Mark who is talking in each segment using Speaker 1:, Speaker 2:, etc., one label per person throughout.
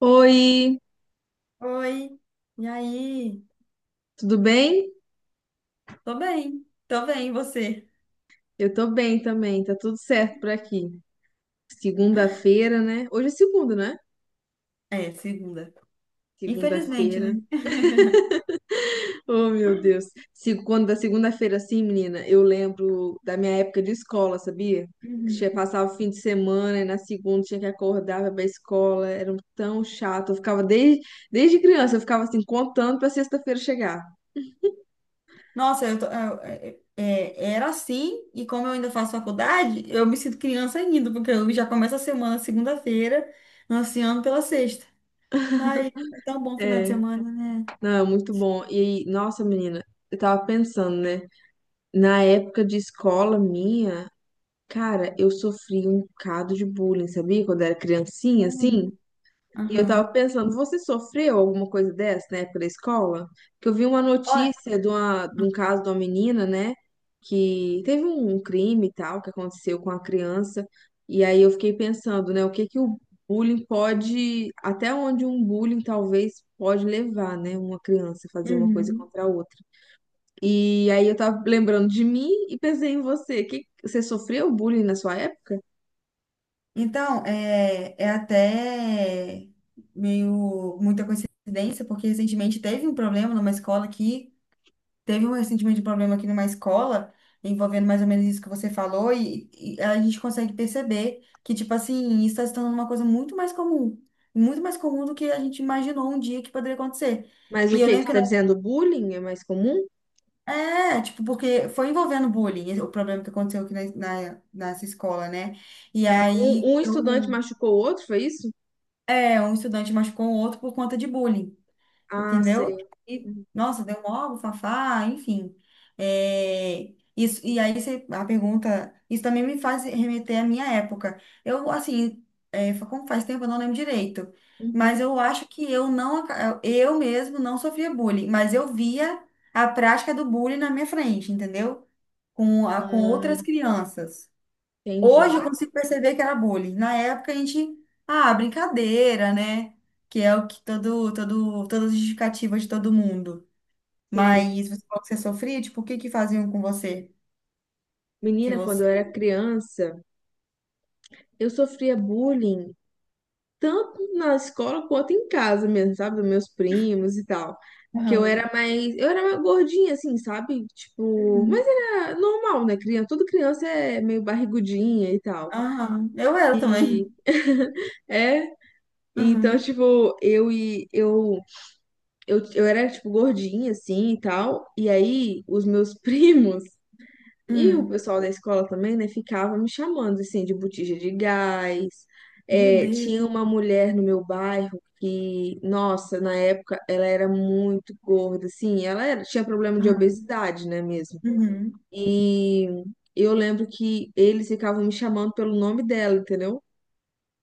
Speaker 1: Oi,
Speaker 2: Oi, e aí?
Speaker 1: tudo bem?
Speaker 2: Tô bem, e você?
Speaker 1: Eu tô bem também, tá tudo certo por aqui. Segunda-feira, né? Hoje é segunda, né?
Speaker 2: É, segunda. Infelizmente, né?
Speaker 1: Segunda-feira. Oh, meu Deus. Quando da segunda-feira, assim, menina, eu lembro da minha época de escola, sabia? Que tinha
Speaker 2: Uhum.
Speaker 1: passava o fim de semana e na segunda tinha que acordar pra ir pra escola. Era tão chato. Desde criança, eu ficava assim, contando pra sexta-feira chegar.
Speaker 2: Nossa, eu tô- eu- é- é, era assim, e como eu ainda faço faculdade, eu me sinto criança ainda, porque eu já começo a semana segunda-feira, ansiando pela sexta. Ai, é tão bom final de
Speaker 1: É,
Speaker 2: semana, né?
Speaker 1: não, é muito bom. E, nossa, menina, eu tava pensando, né? Na época de escola minha. Cara, eu sofri um bocado de bullying, sabia? Quando eu era criancinha,
Speaker 2: Sério?
Speaker 1: assim. E eu tava
Speaker 2: Aham.
Speaker 1: pensando, você sofreu alguma coisa dessa na época da escola? Porque eu vi uma
Speaker 2: Olha.
Speaker 1: notícia de, uma, de um caso de uma menina, né? Que teve um crime e tal que aconteceu com a criança. E aí eu fiquei pensando, né? O que que o bullying pode. Até onde um bullying talvez pode levar, né? Uma criança a fazer uma coisa
Speaker 2: Uhum.
Speaker 1: contra a outra. E aí eu tava lembrando de mim e pensei em você. Que, você sofreu bullying na sua época?
Speaker 2: Então, é até meio muita coincidência, porque recentemente teve um problema numa escola aqui, teve um recentemente um problema aqui numa escola, envolvendo mais ou menos isso que você falou, e a gente consegue perceber que, tipo assim, isso está se tornando uma coisa muito mais comum do que a gente imaginou um dia que poderia acontecer.
Speaker 1: Mas o
Speaker 2: E eu
Speaker 1: que que
Speaker 2: lembro
Speaker 1: você
Speaker 2: que
Speaker 1: está
Speaker 2: não.
Speaker 1: dizendo? Bullying é mais comum?
Speaker 2: É, tipo, porque foi envolvendo bullying, o problema que aconteceu aqui nessa escola, né? E
Speaker 1: Ah,
Speaker 2: aí
Speaker 1: um estudante
Speaker 2: eu.
Speaker 1: machucou o outro, foi isso?
Speaker 2: É, um estudante machucou o outro por conta de bullying,
Speaker 1: Ah,
Speaker 2: entendeu?
Speaker 1: sei.
Speaker 2: E, nossa, deu mó fafá, enfim. É, isso, e aí você, a pergunta, isso também me faz remeter à minha época. Eu, assim, como faz tempo eu não lembro direito, mas
Speaker 1: Uhum.
Speaker 2: eu acho que eu não, eu mesmo não sofria bullying, mas eu via a prática do bullying na minha frente, entendeu? Com outras
Speaker 1: Ah,
Speaker 2: crianças.
Speaker 1: entendi.
Speaker 2: Hoje eu consigo perceber que era bullying. Na época a gente, ah, brincadeira, né? Que é o que todas as justificativa de todo mundo.
Speaker 1: Sim.
Speaker 2: Mas você falou que você sofria, tipo, o que que faziam com você? Que
Speaker 1: Menina, quando eu
Speaker 2: você.
Speaker 1: era criança, eu sofria bullying tanto na escola quanto em casa mesmo, sabe? Dos meus primos e tal. Que eu
Speaker 2: Aham,
Speaker 1: era mais. Eu era mais gordinha, assim, sabe? Tipo. Mas
Speaker 2: uhum,
Speaker 1: era normal, né? Criança, toda criança é meio barrigudinha e tal.
Speaker 2: aham. Eu era
Speaker 1: E.
Speaker 2: também.
Speaker 1: É. Então,
Speaker 2: Aham.
Speaker 1: tipo, eu e eu eu, eu era, tipo, gordinha, assim, e tal. E aí, os meus primos e o
Speaker 2: Hum.
Speaker 1: pessoal da escola também, né, ficavam me chamando, assim, de botija de gás.
Speaker 2: Meu
Speaker 1: É,
Speaker 2: Deus.
Speaker 1: tinha uma mulher no meu bairro que, nossa, na época, ela era muito gorda, assim. Tinha problema de
Speaker 2: Aham,
Speaker 1: obesidade, né, mesmo.
Speaker 2: uhum,
Speaker 1: E eu lembro que eles ficavam me chamando pelo nome dela, entendeu?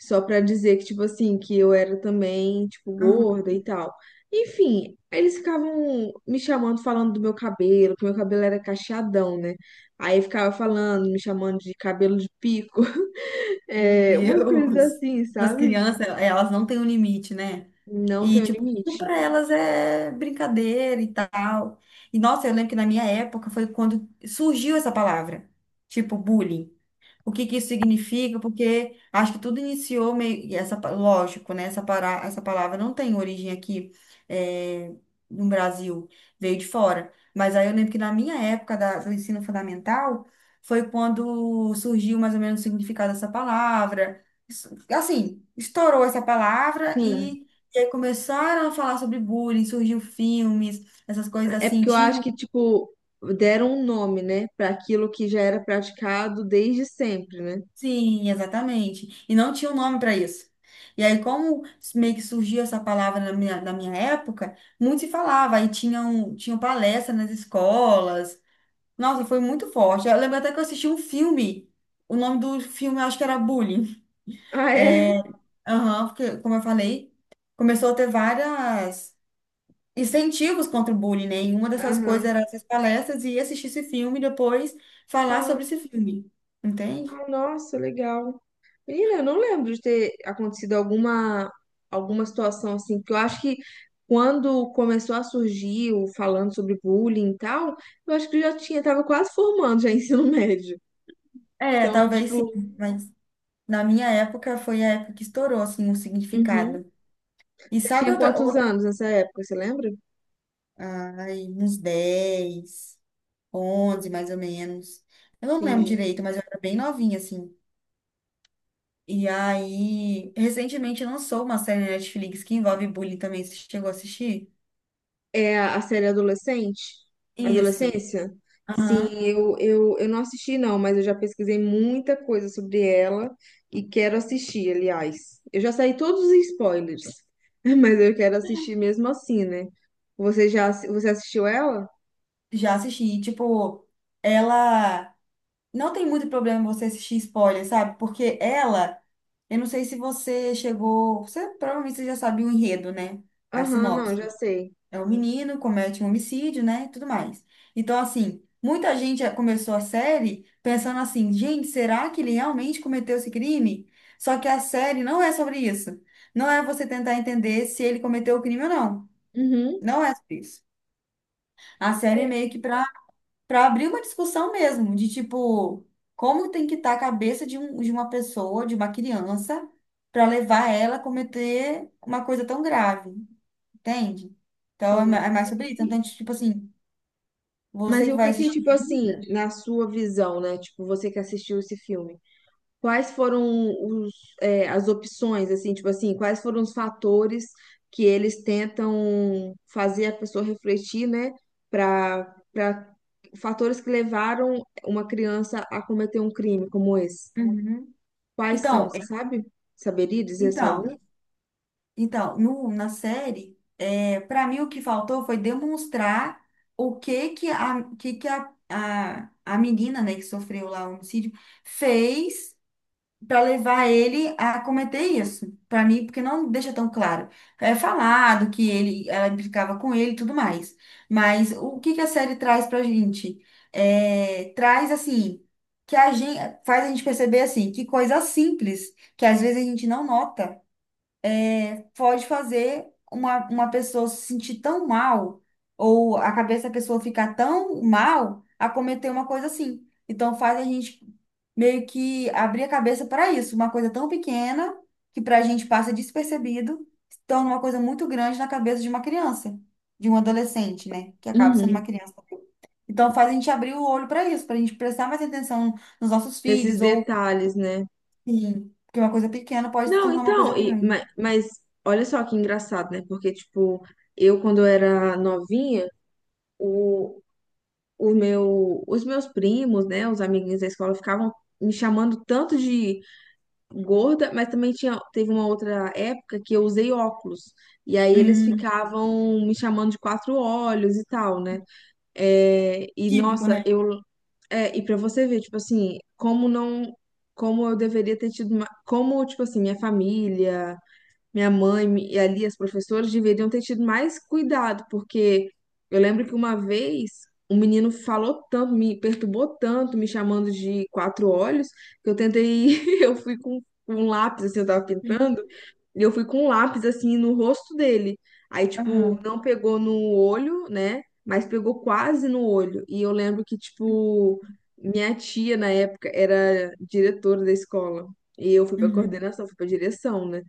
Speaker 1: Só pra dizer que, tipo assim, que eu era também, tipo,
Speaker 2: aham.
Speaker 1: gorda e tal. Enfim, eles ficavam me chamando, falando do meu cabelo, que meu cabelo era cacheadão, né? Aí ficava falando, me chamando de cabelo de pico,
Speaker 2: Meu
Speaker 1: é, umas coisas
Speaker 2: Deus.
Speaker 1: assim,
Speaker 2: As
Speaker 1: sabe?
Speaker 2: crianças, elas não têm um limite, né?
Speaker 1: Não tem
Speaker 2: E,
Speaker 1: um
Speaker 2: tipo, tudo
Speaker 1: limite.
Speaker 2: pra elas é brincadeira e tal. E, nossa, eu lembro que na minha época foi quando surgiu essa palavra, tipo, bullying, o que que isso significa, porque acho que tudo iniciou meio, e essa, lógico, né? Essa palavra não tem origem aqui, eh, no Brasil, veio de fora. Mas aí eu lembro que na minha época do ensino fundamental foi quando surgiu mais ou menos o significado dessa palavra. Assim, estourou essa palavra
Speaker 1: Sim,
Speaker 2: e aí começaram a falar sobre bullying, surgiu filmes, essas coisas
Speaker 1: é
Speaker 2: assim.
Speaker 1: porque eu
Speaker 2: Tinha.
Speaker 1: acho que, tipo, deram um nome, né, pra aquilo que já era praticado desde sempre, né?
Speaker 2: Sim, exatamente. E não tinha um nome para isso. E aí, como meio que surgiu essa palavra na minha época, muito se falava. Aí tinham palestra nas escolas. Nossa, foi muito forte. Eu lembro até que eu assisti um filme. O nome do filme, eu acho que era Bullying.
Speaker 1: Ah, é?
Speaker 2: É. Aham. Porque, como eu falei, começou a ter várias incentivos contra o bullying, né? E uma dessas coisas
Speaker 1: Aham.
Speaker 2: era essas palestras e assistir esse filme e depois falar sobre esse filme. Entende?
Speaker 1: Ah, nossa, legal. Menina, eu não lembro de ter acontecido alguma, alguma situação assim, porque eu acho que quando começou a surgir o falando sobre bullying e tal, eu acho que eu já tinha, tava quase formando já ensino médio.
Speaker 2: É,
Speaker 1: Então,
Speaker 2: talvez
Speaker 1: tipo,
Speaker 2: sim, mas. Na minha época, foi a época que estourou, assim, o
Speaker 1: uhum.
Speaker 2: significado. E
Speaker 1: Você
Speaker 2: sabe
Speaker 1: tinha
Speaker 2: outra,
Speaker 1: quantos
Speaker 2: outra...
Speaker 1: anos nessa época, você lembra?
Speaker 2: Ai, uns 10 11 mais ou menos. Eu não lembro
Speaker 1: Entendi.
Speaker 2: direito, mas eu era bem novinha, assim. E aí, recentemente lançou uma série na Netflix que envolve bullying também. Você chegou a assistir?
Speaker 1: É a série adolescente?
Speaker 2: Isso.
Speaker 1: Adolescência? Sim,
Speaker 2: Aham.
Speaker 1: eu não assisti, não, mas eu já pesquisei muita coisa sobre ela e quero assistir, aliás. Eu já saí todos os spoilers, mas eu quero assistir mesmo assim, né? Você você assistiu ela?
Speaker 2: Já assisti. Tipo, ela. Não tem muito problema você assistir spoiler, sabe? Porque ela. Eu não sei se você chegou. Você provavelmente você já sabia o enredo, né? A
Speaker 1: Aham, não, já
Speaker 2: sinopse.
Speaker 1: sei.
Speaker 2: É o menino, comete um homicídio, né? Tudo mais. Então, assim, muita gente já começou a série pensando assim, gente, será que ele realmente cometeu esse crime? Só que a série não é sobre isso. Não é você tentar entender se ele cometeu o crime ou não.
Speaker 1: Uhum.
Speaker 2: Não é sobre isso. A série é
Speaker 1: É,
Speaker 2: meio que para abrir uma discussão mesmo, de tipo, como tem que estar a cabeça de uma pessoa, de uma criança, para levar ela a cometer uma coisa tão grave, entende? Então, é
Speaker 1: sim.
Speaker 2: ma- é mais sobre isso. Então, tipo assim.
Speaker 1: Mas
Speaker 2: Você
Speaker 1: e
Speaker 2: que
Speaker 1: o
Speaker 2: vai
Speaker 1: que que,
Speaker 2: assistir
Speaker 1: tipo assim,
Speaker 2: ainda?
Speaker 1: na sua visão, né? Tipo, você que assistiu esse filme? Quais foram os, é, as opções, assim, tipo assim, quais foram os fatores que eles tentam fazer a pessoa refletir, né, para fatores que levaram uma criança a cometer um crime como esse?
Speaker 2: Uhum.
Speaker 1: Quais são,
Speaker 2: Então,
Speaker 1: você
Speaker 2: é-
Speaker 1: sabe? Saberia dizer assim algum?
Speaker 2: então, então, no, na série, para mim o que faltou foi demonstrar o que que a menina, né, que sofreu lá o homicídio, fez para levar ele a cometer isso, para mim, porque não deixa tão claro. É falado que ele, ela implicava com ele e tudo mais. Mas o que que a série traz pra gente? É, traz assim, que a gente faz a gente perceber assim, que coisa simples, que às vezes a gente não nota, pode fazer uma pessoa se sentir tão mal, ou a cabeça da pessoa ficar tão mal a cometer uma coisa assim. Então faz a gente meio que abrir a cabeça para isso, uma coisa tão pequena que para a gente passa despercebido, se torna uma coisa muito grande na cabeça de uma criança, de um adolescente, né, que acaba sendo uma
Speaker 1: Uhum.
Speaker 2: criança. Então faz a gente abrir o olho para isso, para a gente prestar mais atenção nos nossos
Speaker 1: Nesses
Speaker 2: filhos ou.
Speaker 1: detalhes, né?
Speaker 2: Sim, porque uma coisa pequena pode se
Speaker 1: Não,
Speaker 2: tornar uma coisa
Speaker 1: então, e-
Speaker 2: grande.
Speaker 1: ma- Mas, olha só que engraçado, né? Porque, tipo, eu quando eu era novinha, os meus primos, né, os amiguinhos da escola ficavam me chamando tanto de gorda, mas também tinha, teve uma outra época que eu usei óculos. E aí eles
Speaker 2: Hum,
Speaker 1: ficavam me chamando de quatro olhos e tal, né? É, e
Speaker 2: típico,
Speaker 1: nossa,
Speaker 2: né?
Speaker 1: eu é, e para você ver, tipo assim, como não como eu deveria ter tido uma, como tipo assim, minha família minha mãe e ali as professoras deveriam ter tido mais cuidado, porque eu lembro que uma vez um menino falou tanto, me perturbou tanto, me chamando de quatro olhos, que eu tentei, eu fui com um lápis, assim, eu tava pintando, e eu fui com um lápis, assim, no rosto dele. Aí, tipo,
Speaker 2: Aham.
Speaker 1: não pegou no olho, né? Mas pegou quase no olho. E eu lembro que, tipo, minha tia, na época, era diretora da escola. E eu fui pra
Speaker 2: Uhum.
Speaker 1: coordenação, fui pra direção, né?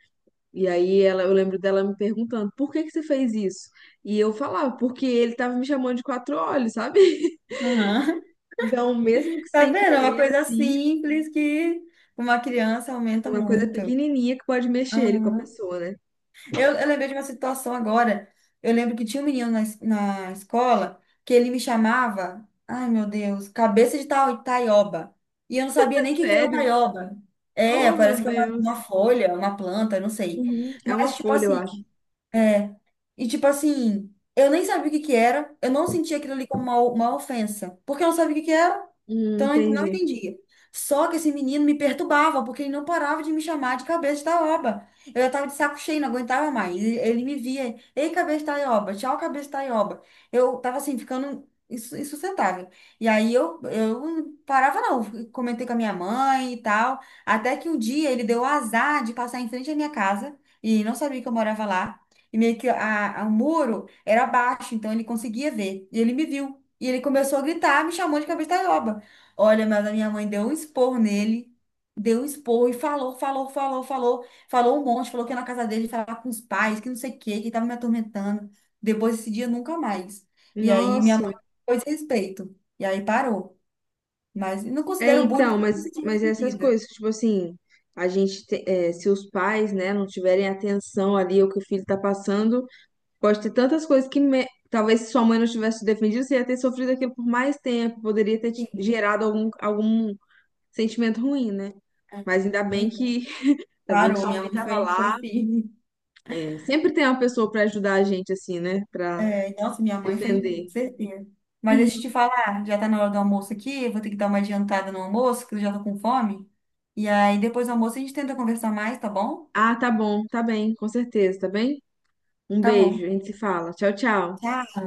Speaker 1: E aí ela, eu lembro dela me perguntando, por que que você fez isso? E eu falava, porque ele tava me chamando de quatro olhos, sabe?
Speaker 2: Aham.
Speaker 1: Então, mesmo que
Speaker 2: Tá
Speaker 1: sem
Speaker 2: vendo? É uma
Speaker 1: querer,
Speaker 2: coisa
Speaker 1: assim,
Speaker 2: simples que uma criança aumenta
Speaker 1: uma coisa
Speaker 2: muito.
Speaker 1: pequenininha que pode mexer ele com a pessoa, né?
Speaker 2: Eu lembrei de uma situação agora. Eu lembro que tinha um menino na escola que ele me chamava, ai meu Deus, cabeça de taioba. E eu não sabia nem o que que era
Speaker 1: Sério?
Speaker 2: taioba. É,
Speaker 1: Oh,
Speaker 2: parece
Speaker 1: meu
Speaker 2: que é uma,
Speaker 1: Deus.
Speaker 2: uma folha, uma planta, eu não sei.
Speaker 1: Uhum. É uma
Speaker 2: Mas, tipo
Speaker 1: folha, eu
Speaker 2: assim,
Speaker 1: acho.
Speaker 2: é. E, tipo assim, eu nem sabia o que que era, eu não sentia aquilo ali como uma ofensa, porque eu não sabia o que que era. Então, eu não
Speaker 1: Entendi.
Speaker 2: entendia. Só que esse menino me perturbava, porque ele não parava de me chamar de cabeça da oba. Eu já estava de saco cheio, não aguentava mais. Ele me via, ei, cabeça da oba, tchau, cabeça da oba. Eu estava assim, ficando insustentável. E aí eu não parava, não. Comentei com a minha mãe e tal. Até que um dia ele deu o azar de passar em frente à minha casa, e não sabia que eu morava lá. E meio que o muro era baixo, então ele conseguia ver. E ele me viu. E ele começou a gritar, me chamou de cabeça da. Olha, mas a minha mãe deu um expor nele, deu um expor e falou, falou, falou, falou, falou um monte, falou que ia na casa dele falar com os pais, que não sei o quê, que tava me atormentando. Depois desse dia, nunca mais. E aí minha
Speaker 1: Nossa.
Speaker 2: mãe pôs respeito. E aí parou. Mas não
Speaker 1: É,
Speaker 2: considero bullying
Speaker 1: então,
Speaker 2: porque eu não me sentia
Speaker 1: mas essas
Speaker 2: ofendida.
Speaker 1: coisas, tipo assim, a gente, te- é, se os pais, né, não tiverem atenção ali ao que o filho tá passando, pode ter tantas coisas talvez se sua mãe não tivesse te defendido, você ia ter sofrido aquilo por mais tempo, poderia ter te
Speaker 2: Sim.
Speaker 1: gerado algum, algum sentimento ruim, né?
Speaker 2: Aí.
Speaker 1: Mas ainda
Speaker 2: Pois
Speaker 1: bem
Speaker 2: é.
Speaker 1: que, ainda bem que
Speaker 2: Parou,
Speaker 1: sua mãe
Speaker 2: minha mãe
Speaker 1: estava
Speaker 2: foi
Speaker 1: lá.
Speaker 2: firme.
Speaker 1: É, sempre tem uma pessoa para ajudar a gente, assim, né? Para
Speaker 2: É, nossa, minha mãe foi
Speaker 1: defender.
Speaker 2: certeira. Mas deixa eu te falar, já tá na hora do almoço aqui, eu vou ter que dar uma adiantada no almoço, que eu já tô com fome. E aí, depois do almoço, a gente tenta conversar mais, tá bom?
Speaker 1: Ah, tá bom, tá bem, com certeza, tá bem? Um
Speaker 2: Tá
Speaker 1: beijo,
Speaker 2: bom.
Speaker 1: a gente se fala. Tchau, tchau.
Speaker 2: Tchau.